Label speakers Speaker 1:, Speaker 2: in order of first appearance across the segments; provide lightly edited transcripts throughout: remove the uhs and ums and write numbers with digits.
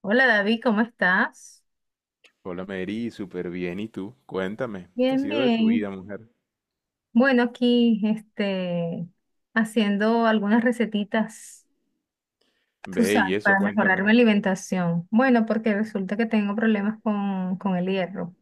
Speaker 1: Hola David, ¿cómo estás?
Speaker 2: Hola Mary, súper bien. ¿Y tú? Cuéntame, ¿qué ha
Speaker 1: Bien,
Speaker 2: sido de tu
Speaker 1: bien.
Speaker 2: vida, mujer?
Speaker 1: Bueno, aquí haciendo algunas recetitas, tú
Speaker 2: Ve y
Speaker 1: sabes,
Speaker 2: eso,
Speaker 1: para mejorar mi
Speaker 2: cuéntame.
Speaker 1: alimentación. Bueno, porque resulta que tengo problemas con el hierro.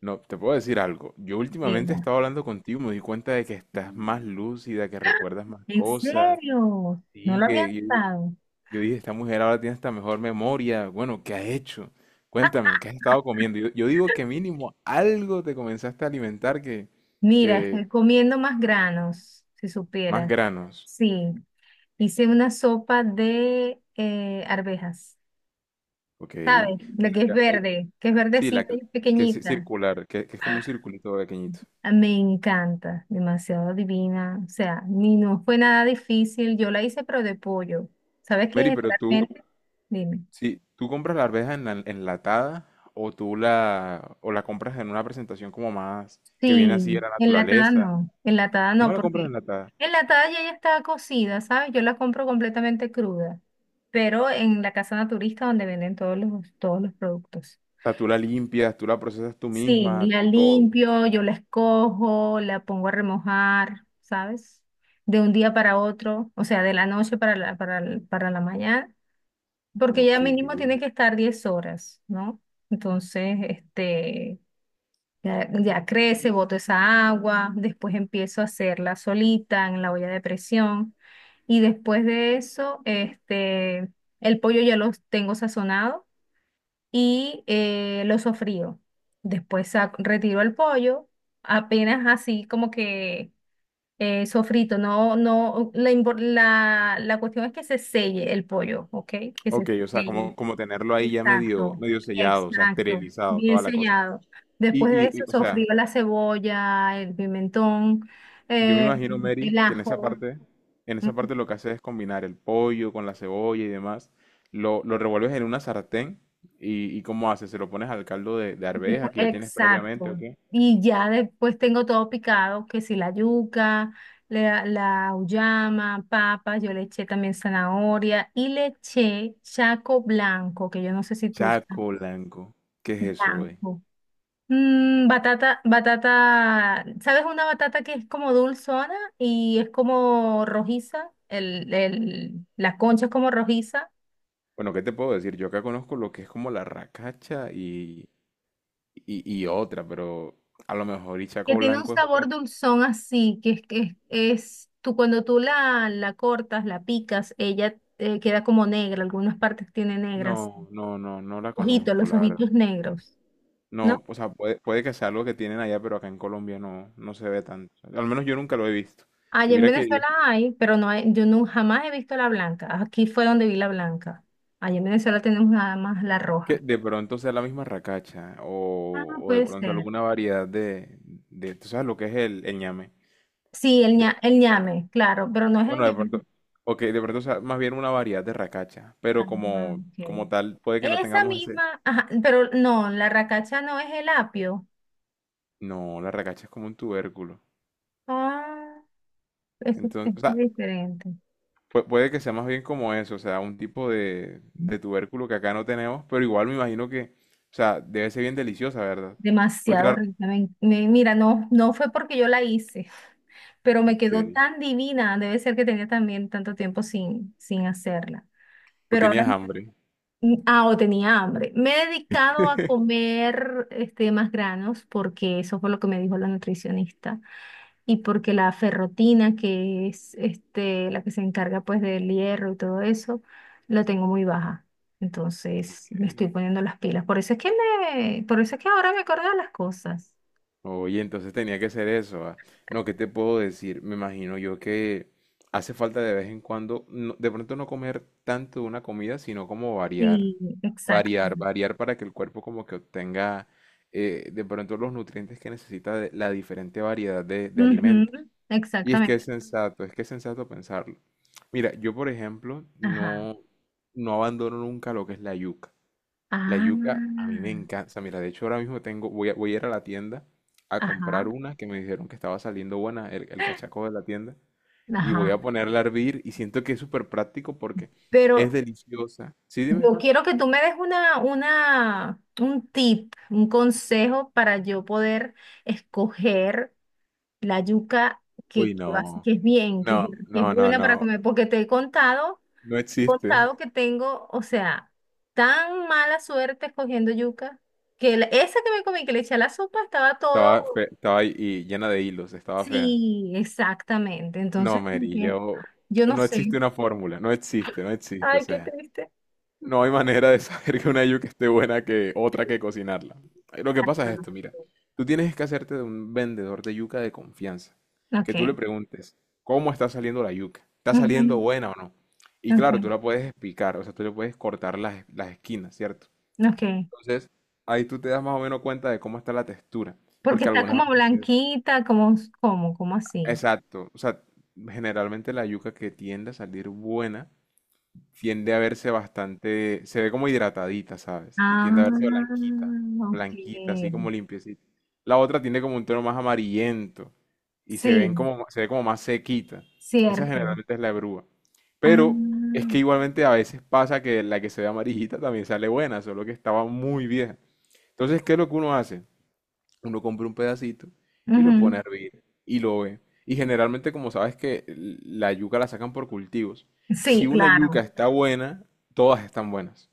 Speaker 2: No, te puedo decir algo. Yo últimamente he
Speaker 1: Mira.
Speaker 2: estado hablando contigo, me di cuenta de que estás más lúcida, que recuerdas más
Speaker 1: ¿En
Speaker 2: cosas.
Speaker 1: serio? No
Speaker 2: Sí,
Speaker 1: lo había
Speaker 2: que yo,
Speaker 1: notado.
Speaker 2: yo dije, esta mujer ahora tiene esta mejor memoria. Bueno, ¿qué has hecho? Cuéntame, ¿qué has estado comiendo? Yo digo que mínimo algo te comenzaste a alimentar que,
Speaker 1: Mira,
Speaker 2: que
Speaker 1: estoy comiendo más granos, si
Speaker 2: más
Speaker 1: supiera.
Speaker 2: granos.
Speaker 1: Sí, hice una sopa de arvejas.
Speaker 2: Ok,
Speaker 1: ¿Sabes? Lo
Speaker 2: ven
Speaker 1: que es
Speaker 2: acá.
Speaker 1: verde, que es
Speaker 2: Sí, la
Speaker 1: verdecita
Speaker 2: que,
Speaker 1: y
Speaker 2: que es
Speaker 1: pequeñita.
Speaker 2: circular, que es como un circulito pequeñito.
Speaker 1: Ah, me encanta, demasiado divina. O sea, ni no fue nada difícil. Yo la hice, pero de pollo. ¿Sabes
Speaker 2: Mary,
Speaker 1: qué?
Speaker 2: pero tú,
Speaker 1: Generalmente, dime.
Speaker 2: si tú compras la arveja enlatada o la compras en una presentación como más que viene así de
Speaker 1: Sí,
Speaker 2: la naturaleza,
Speaker 1: enlatada
Speaker 2: no
Speaker 1: no,
Speaker 2: la compras
Speaker 1: porque
Speaker 2: enlatada.
Speaker 1: enlatada ya está cocida, ¿sabes? Yo la compro completamente cruda, pero en la casa naturista donde venden todos los productos.
Speaker 2: O sea, tú la limpias, tú la procesas tú
Speaker 1: Sí,
Speaker 2: misma,
Speaker 1: la
Speaker 2: tú todo.
Speaker 1: limpio, yo la escojo, la pongo a remojar, ¿sabes? De un día para otro, o sea, de la noche para la mañana, porque ya
Speaker 2: Ok.
Speaker 1: mínimo tiene que estar 10 horas, ¿no? Entonces, ya crece, boto esa agua, después empiezo a hacerla solita en la olla de presión y después de eso, el pollo ya lo tengo sazonado y lo sofrío. Después retiro el pollo, apenas así como que sofrito. No, no, la cuestión es que se selle el pollo, ¿ok? Que se
Speaker 2: Ok, o sea,
Speaker 1: selle.
Speaker 2: como tenerlo ahí ya medio,
Speaker 1: Exacto,
Speaker 2: medio sellado, o sea,
Speaker 1: exacto,
Speaker 2: esterilizado,
Speaker 1: bien
Speaker 2: toda la cosa.
Speaker 1: sellado.
Speaker 2: Y,
Speaker 1: Después de
Speaker 2: y,
Speaker 1: eso
Speaker 2: y, o
Speaker 1: sofrío
Speaker 2: sea,
Speaker 1: la cebolla, el pimentón,
Speaker 2: yo me
Speaker 1: eh,
Speaker 2: imagino, Mary,
Speaker 1: el
Speaker 2: que
Speaker 1: ajo.
Speaker 2: en esa parte lo que haces es combinar el pollo con la cebolla y demás. Lo revuelves en una sartén y ¿cómo haces? ¿Se lo pones al caldo de arveja que ya tienes previamente o
Speaker 1: Exacto.
Speaker 2: qué?
Speaker 1: Y ya después tengo todo picado, que si la yuca, la auyama, papa, yo le eché también zanahoria y le eché chaco blanco, que yo no sé si tú sabes,
Speaker 2: Chaco blanco. ¿Qué es eso, güey?
Speaker 1: blanco. Batata, batata, ¿sabes una batata que es como dulzona y es como rojiza? La concha es como rojiza.
Speaker 2: Bueno, ¿qué te puedo decir? Yo acá conozco lo que es como la racacha y otra, pero a lo mejor y
Speaker 1: Que
Speaker 2: chaco
Speaker 1: tiene un
Speaker 2: blanco es
Speaker 1: sabor
Speaker 2: otra.
Speaker 1: dulzón así, que es, tú cuando tú la cortas, la picas, ella queda como negra, algunas partes tiene negras,
Speaker 2: No, no, no, no la
Speaker 1: ojitos,
Speaker 2: conozco,
Speaker 1: los
Speaker 2: la verdad.
Speaker 1: ojitos negros, ¿no?
Speaker 2: No, o sea, puede que sea algo que tienen allá, pero acá en Colombia no, no se ve tanto. Al menos yo nunca lo he visto. Y
Speaker 1: Allá en
Speaker 2: mira que yo,
Speaker 1: Venezuela hay, pero no hay, yo no, jamás he visto la blanca, aquí fue donde vi la blanca, allá en Venezuela tenemos nada más la
Speaker 2: que
Speaker 1: roja.
Speaker 2: de pronto sea la misma racacha
Speaker 1: Ah,
Speaker 2: o de
Speaker 1: puede
Speaker 2: pronto
Speaker 1: ser.
Speaker 2: alguna variedad tú sabes lo que es el ñame.
Speaker 1: Sí, el ñame, claro, pero no es el
Speaker 2: Bueno, de
Speaker 1: ñame.
Speaker 2: pronto, o que de pronto sea más bien una variedad de racacha,
Speaker 1: Ah,
Speaker 2: pero como,
Speaker 1: ok.
Speaker 2: como tal puede que no
Speaker 1: Esa
Speaker 2: tengamos ese.
Speaker 1: misma, ajá, pero no, la racacha no es el apio.
Speaker 2: No, la racacha es como un tubérculo.
Speaker 1: Ah, eso
Speaker 2: Entonces,
Speaker 1: es
Speaker 2: o sea,
Speaker 1: diferente.
Speaker 2: Puede que sea más bien como eso, o sea, un tipo de tubérculo que acá no tenemos, pero igual me imagino que, o sea, debe ser bien deliciosa, ¿verdad? Porque
Speaker 1: Demasiado
Speaker 2: la...
Speaker 1: rica. Mira, no, no fue porque yo la hice, pero me
Speaker 2: Ok.
Speaker 1: quedó tan divina. Debe ser que tenía también tanto tiempo sin hacerla.
Speaker 2: O
Speaker 1: Pero ahora,
Speaker 2: tenías hambre.
Speaker 1: ah, o tenía hambre. Me he dedicado a comer más granos porque eso fue lo que me dijo la nutricionista. Y porque la ferrotina, que es la que se encarga pues del hierro y todo eso, la tengo muy baja. Entonces me
Speaker 2: Ok.
Speaker 1: estoy poniendo las pilas. Por eso es que ahora me acordé de las cosas.
Speaker 2: Oye, entonces tenía que ser eso. Ah. No, ¿qué te puedo decir? Me imagino yo que hace falta de vez en cuando, de pronto no comer tanto de una comida, sino como variar.
Speaker 1: Sí, exacto.
Speaker 2: Variar, variar para que el cuerpo como que obtenga de pronto los nutrientes que necesita de la diferente variedad de
Speaker 1: Ujú,
Speaker 2: alimentos. Y es que es
Speaker 1: exactamente.
Speaker 2: sensato, es que es sensato pensarlo. Mira, yo por ejemplo
Speaker 1: Ajá.
Speaker 2: no, no abandono nunca lo que es la yuca. La
Speaker 1: Ah,
Speaker 2: yuca a mí me encanta. O sea, mira, de hecho ahora mismo tengo, voy a ir a la tienda a comprar
Speaker 1: ajá,
Speaker 2: una que me dijeron que estaba saliendo buena, el cachaco de la tienda, y voy a
Speaker 1: ajá.
Speaker 2: ponerla a hervir y siento que es súper práctico porque es
Speaker 1: Pero
Speaker 2: deliciosa. ¿Sí, dime?
Speaker 1: yo quiero que tú me des un consejo para yo poder escoger la yuca
Speaker 2: Uy,
Speaker 1: que, que, va-
Speaker 2: no,
Speaker 1: que es bien,
Speaker 2: no,
Speaker 1: que es
Speaker 2: no, no,
Speaker 1: buena para
Speaker 2: no,
Speaker 1: comer, porque te he contado,
Speaker 2: no existe.
Speaker 1: contado que tengo, o sea, tan mala suerte escogiendo yuca, que esa que me comí, que le eché a la sopa, estaba
Speaker 2: Estaba,
Speaker 1: todo,
Speaker 2: estaba ahí y llena de hilos, estaba fea.
Speaker 1: sí, exactamente, entonces,
Speaker 2: No,
Speaker 1: como
Speaker 2: Mary,
Speaker 1: que,
Speaker 2: yo...
Speaker 1: yo no
Speaker 2: No
Speaker 1: sé.
Speaker 2: existe una fórmula, no existe, no existe. O
Speaker 1: Ay, qué
Speaker 2: sea,
Speaker 1: triste.
Speaker 2: no hay manera de saber que una yuca esté buena que otra que cocinarla. Lo que pasa es esto, mira. Tú tienes que hacerte de un vendedor de yuca de confianza. Que tú le
Speaker 1: Ok,
Speaker 2: preguntes, ¿cómo está saliendo la yuca? ¿Está saliendo
Speaker 1: ujú,
Speaker 2: buena o no? Y claro, tú
Speaker 1: ok,
Speaker 2: la puedes explicar, o sea, tú le puedes cortar las esquinas, ¿cierto?
Speaker 1: ok,
Speaker 2: Entonces, ahí tú te das más o menos cuenta de cómo está la textura.
Speaker 1: porque
Speaker 2: Porque
Speaker 1: está
Speaker 2: algunas
Speaker 1: como
Speaker 2: veces...
Speaker 1: blanquita, como así.
Speaker 2: Exacto. O sea, generalmente la yuca que tiende a salir buena tiende a verse bastante, se ve como hidratadita, ¿sabes? Y
Speaker 1: Ah,
Speaker 2: tiende a verse blanquita,
Speaker 1: ok.
Speaker 2: blanquita, así como limpiecita. La otra tiene como un tono más amarillento y se ven
Speaker 1: Sí,
Speaker 2: como, se ve como más sequita. Esa
Speaker 1: cierto.
Speaker 2: generalmente es la grúa. Pero es
Speaker 1: Ah,
Speaker 2: que igualmente a veces pasa que la que se ve amarillita también sale buena, solo que estaba muy vieja. Entonces, ¿qué es lo que uno hace? Uno compra un pedacito y lo pone
Speaker 1: ujú.
Speaker 2: a hervir y lo ve. Y generalmente, como sabes que la yuca la sacan por cultivos. Si
Speaker 1: Sí,
Speaker 2: una yuca
Speaker 1: claro.
Speaker 2: está buena, todas están buenas.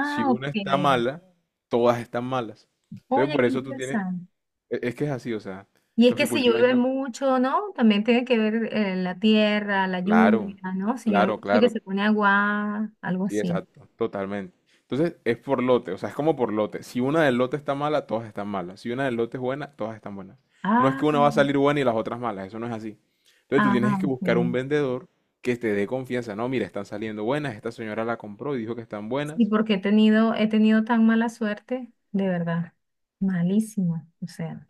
Speaker 2: Si una
Speaker 1: ok.
Speaker 2: está mala, todas están malas. Entonces,
Speaker 1: Oye,
Speaker 2: por
Speaker 1: qué
Speaker 2: eso tú tienes...
Speaker 1: interesante.
Speaker 2: Es que es así, o sea,
Speaker 1: Y es
Speaker 2: los
Speaker 1: que
Speaker 2: que
Speaker 1: si
Speaker 2: cultivan
Speaker 1: llueve
Speaker 2: yuca...
Speaker 1: mucho, ¿no? También tiene que ver la tierra, la lluvia,
Speaker 2: Claro,
Speaker 1: ¿no? Si llueve
Speaker 2: claro,
Speaker 1: mucho que
Speaker 2: claro.
Speaker 1: se pone agua, algo
Speaker 2: Sí,
Speaker 1: así.
Speaker 2: exacto, totalmente. Entonces es por lote, o sea, es como por lote. Si una del lote está mala, todas están malas. Si una del lote es buena, todas están buenas. No es que
Speaker 1: Ah,
Speaker 2: una va a salir buena y las otras malas, eso no es así. Entonces tú
Speaker 1: ah,
Speaker 2: tienes que buscar un
Speaker 1: ok.
Speaker 2: vendedor que te dé confianza. No, mira, están saliendo buenas, esta señora la compró y dijo que están
Speaker 1: Sí,
Speaker 2: buenas.
Speaker 1: porque he tenido tan mala suerte, de verdad. Malísima. O sea,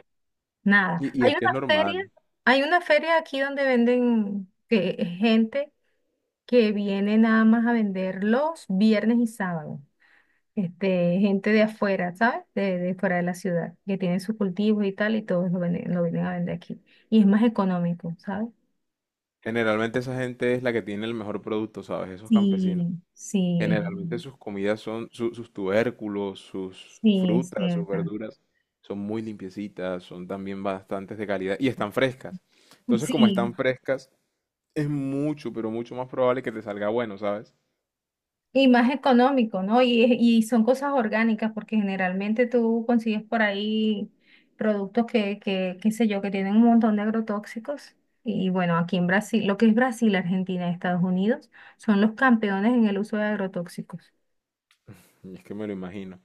Speaker 1: nada.
Speaker 2: Y
Speaker 1: Hay
Speaker 2: es
Speaker 1: una
Speaker 2: que es
Speaker 1: feria,
Speaker 2: normal.
Speaker 1: hay una feria aquí donde venden que, gente que viene nada más a vender los viernes y sábados. Gente de afuera, ¿sabes? De fuera de la ciudad, que tienen sus cultivos y tal, y todos lo venden, lo vienen a vender aquí. Y es más económico, ¿sabes?
Speaker 2: Generalmente esa gente es la que tiene el mejor producto, ¿sabes? Esos campesinos.
Speaker 1: Sí, sí,
Speaker 2: Generalmente sus comidas son, sus tubérculos, sus
Speaker 1: sí, es
Speaker 2: frutas, sus
Speaker 1: cierto.
Speaker 2: verduras, son muy limpiecitas, son también bastantes de calidad y están frescas. Entonces, como
Speaker 1: Sí,
Speaker 2: están frescas, es mucho, pero mucho más probable que te salga bueno, ¿sabes?
Speaker 1: y más económico, ¿no? Y son cosas orgánicas, porque generalmente tú consigues por ahí productos que, qué sé yo, que tienen un montón de agrotóxicos. Y bueno, aquí en Brasil, lo que es Brasil, Argentina y Estados Unidos, son los campeones en el uso de agrotóxicos.
Speaker 2: Y es que me lo imagino.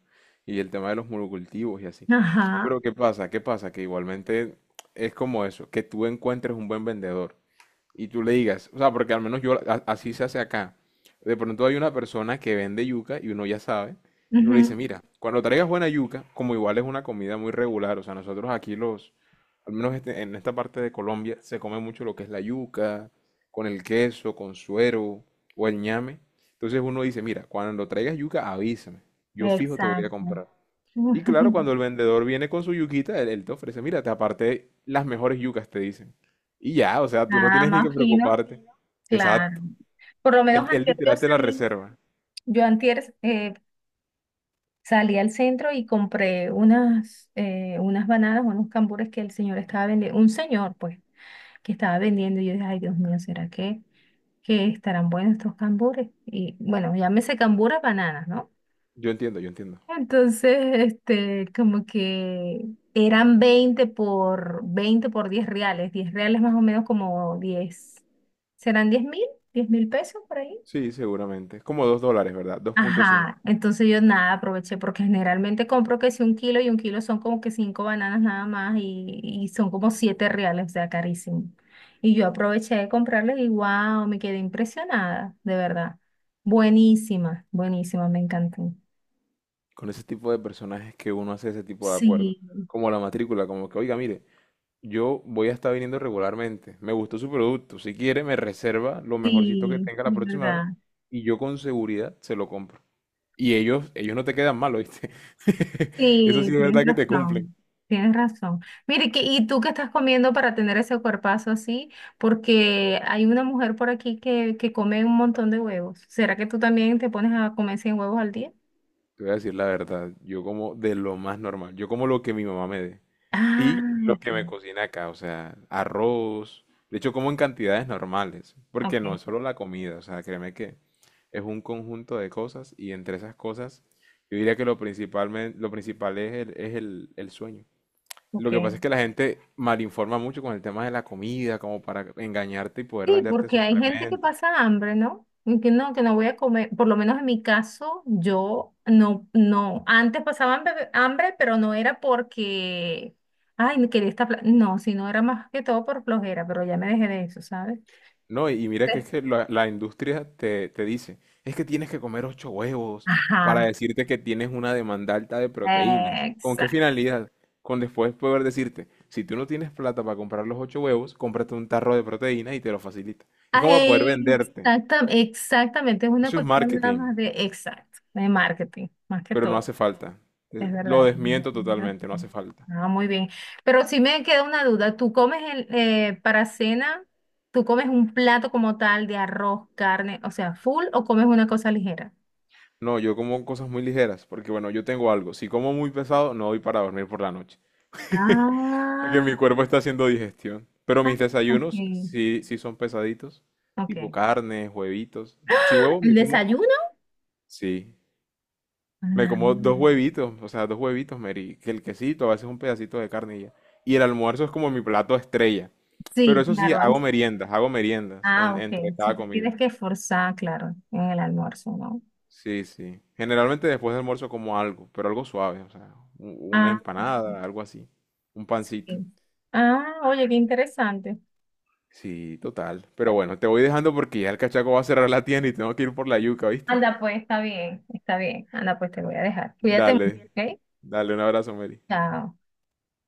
Speaker 2: Y el tema de los monocultivos y así.
Speaker 1: Ajá.
Speaker 2: Pero ¿qué pasa? ¿Qué pasa? Que igualmente es como eso, que tú encuentres un buen vendedor. Y tú le digas, o sea, porque al menos yo así se hace acá. De pronto hay una persona que vende yuca y uno ya sabe, y uno le dice,
Speaker 1: Ujú,
Speaker 2: mira, cuando traigas buena yuca, como igual es una comida muy regular, o sea, nosotros aquí los, al menos en esta parte de Colombia, se come mucho lo que es la yuca, con el queso, con suero o el ñame. Entonces uno dice, mira, cuando traigas yuca, avísame, yo fijo te voy a
Speaker 1: exacto.
Speaker 2: comprar. Y claro, cuando el vendedor viene con su yuquita, él te ofrece, mira, te aparté las mejores yucas, te dicen. Y ya, o sea, tú no
Speaker 1: Nada
Speaker 2: tienes ni que
Speaker 1: más fino,
Speaker 2: preocuparte.
Speaker 1: claro.
Speaker 2: Exacto.
Speaker 1: Por lo
Speaker 2: Él,
Speaker 1: menos
Speaker 2: él
Speaker 1: antes yo
Speaker 2: literal te la
Speaker 1: salí,
Speaker 2: reserva.
Speaker 1: yo antier, Salí al centro y compré unas bananas, unos cambures que el señor estaba vendiendo, un señor pues, que estaba vendiendo y yo dije, ay Dios mío, ¿será que estarán buenos estos cambures? Y bueno, llámese cambures bananas, ¿no?
Speaker 2: Yo entiendo, yo entiendo.
Speaker 1: Entonces, como que eran 20 por 20 por 10 reales, 10 reales más o menos como 10, ¿serán 10,000? ¿10,000 pesos por ahí?
Speaker 2: Sí, seguramente. Es como $2, ¿verdad? 2.5.
Speaker 1: Ajá, entonces yo nada aproveché porque generalmente compro que si un kilo y un kilo son como que cinco bananas nada más y son como 7 reales, o sea, carísimo. Y yo aproveché de comprarles y wow, me quedé impresionada, de verdad. Buenísima, buenísima, me encantó.
Speaker 2: Con ese tipo de personajes que uno hace ese tipo de acuerdos.
Speaker 1: Sí,
Speaker 2: Como la matrícula, como que, oiga, mire, yo voy a estar viniendo regularmente. Me gustó su producto. Si quiere, me reserva lo mejorcito que
Speaker 1: sí,
Speaker 2: tenga la
Speaker 1: de
Speaker 2: próxima vez.
Speaker 1: verdad.
Speaker 2: Y yo con seguridad se lo compro. Y ellos no te quedan mal, ¿oíste? Eso
Speaker 1: Sí,
Speaker 2: sí es
Speaker 1: tienes
Speaker 2: verdad que te cumplen.
Speaker 1: razón, tienes razón. Mire, ¿y tú qué estás comiendo para tener ese cuerpazo así? Porque hay una mujer por aquí que come un montón de huevos. ¿Será que tú también te pones a comer 100 huevos al día?
Speaker 2: Te voy a decir la verdad, yo como de lo más normal, yo como lo que mi mamá me dé
Speaker 1: Ah,
Speaker 2: y lo
Speaker 1: ok,
Speaker 2: que me cocina acá, o sea, arroz, de hecho como en cantidades normales, porque
Speaker 1: ok,
Speaker 2: no es solo la comida, o sea, créeme que es un conjunto de cosas y entre esas cosas yo diría que lo principal es el sueño. Lo que pasa es
Speaker 1: ok.
Speaker 2: que la gente malinforma mucho con el tema de la comida, como para engañarte y poder
Speaker 1: Sí,
Speaker 2: venderte
Speaker 1: porque hay gente que
Speaker 2: suplementos.
Speaker 1: pasa hambre, ¿no? Y que no voy a comer. Por lo menos en mi caso, yo no, no. Antes pasaba hambre, hambre, pero no era porque, ay, me quería esta... pla-". No, sino era más que todo por flojera, pero ya me dejé de eso, ¿sabes?
Speaker 2: No, y mira que
Speaker 1: Sí.
Speaker 2: es que la industria te dice, es que tienes que comer ocho huevos para
Speaker 1: Ajá,
Speaker 2: decirte que tienes una demanda alta de proteínas. ¿Con qué
Speaker 1: exacto.
Speaker 2: finalidad? Con después poder decirte, si tú no tienes plata para comprar los ocho huevos, cómprate un tarro de proteínas y te lo facilita. Es como para poder venderte.
Speaker 1: Exactamente, exactamente, es una
Speaker 2: Eso es
Speaker 1: cuestión nada
Speaker 2: marketing,
Speaker 1: más de exacto, de marketing, más que
Speaker 2: pero no
Speaker 1: todo.
Speaker 2: hace falta.
Speaker 1: Es
Speaker 2: Lo
Speaker 1: verdad.
Speaker 2: desmiento totalmente, no hace falta.
Speaker 1: Ah, muy bien. Pero sí me queda una duda. ¿Tú comes para cena, tú comes un plato como tal de arroz, carne, o sea, full o comes una cosa ligera?
Speaker 2: No, yo como cosas muy ligeras, porque bueno, yo tengo algo. Si como muy pesado, no voy para dormir por la noche. Que
Speaker 1: Ah,
Speaker 2: mi cuerpo está haciendo digestión. Pero
Speaker 1: ah,
Speaker 2: mis
Speaker 1: ok,
Speaker 2: desayunos sí, sí son pesaditos. Tipo
Speaker 1: ok.
Speaker 2: carne, huevitos. Si huevo
Speaker 1: ¿El
Speaker 2: me como,
Speaker 1: desayuno?
Speaker 2: sí. Me
Speaker 1: Ah,
Speaker 2: como dos huevitos, o sea, dos huevitos, Mary. Que el quesito, a veces un pedacito de carne y ya. Y el almuerzo es como mi plato estrella. Pero
Speaker 1: sí,
Speaker 2: eso sí,
Speaker 1: claro. Ahí sí.
Speaker 2: hago meriendas
Speaker 1: Ah,
Speaker 2: entre
Speaker 1: ok. Si
Speaker 2: cada
Speaker 1: te
Speaker 2: comida.
Speaker 1: tienes que esforzar, claro, en el almuerzo, ¿no?
Speaker 2: Sí, sí. Generalmente después del almuerzo como algo, pero algo suave, o sea, una
Speaker 1: Ah,
Speaker 2: empanada, algo así. Un pancito.
Speaker 1: sí. Ah, oye, qué interesante.
Speaker 2: Sí, total. Pero bueno, te voy dejando porque ya el cachaco va a cerrar la tienda y tengo que ir por la yuca, ¿viste?
Speaker 1: Anda, pues, está bien, está bien. Anda, pues, te voy a dejar. Cuídate mucho,
Speaker 2: Dale,
Speaker 1: ¿ok?
Speaker 2: dale, un abrazo, Mary.
Speaker 1: Chao.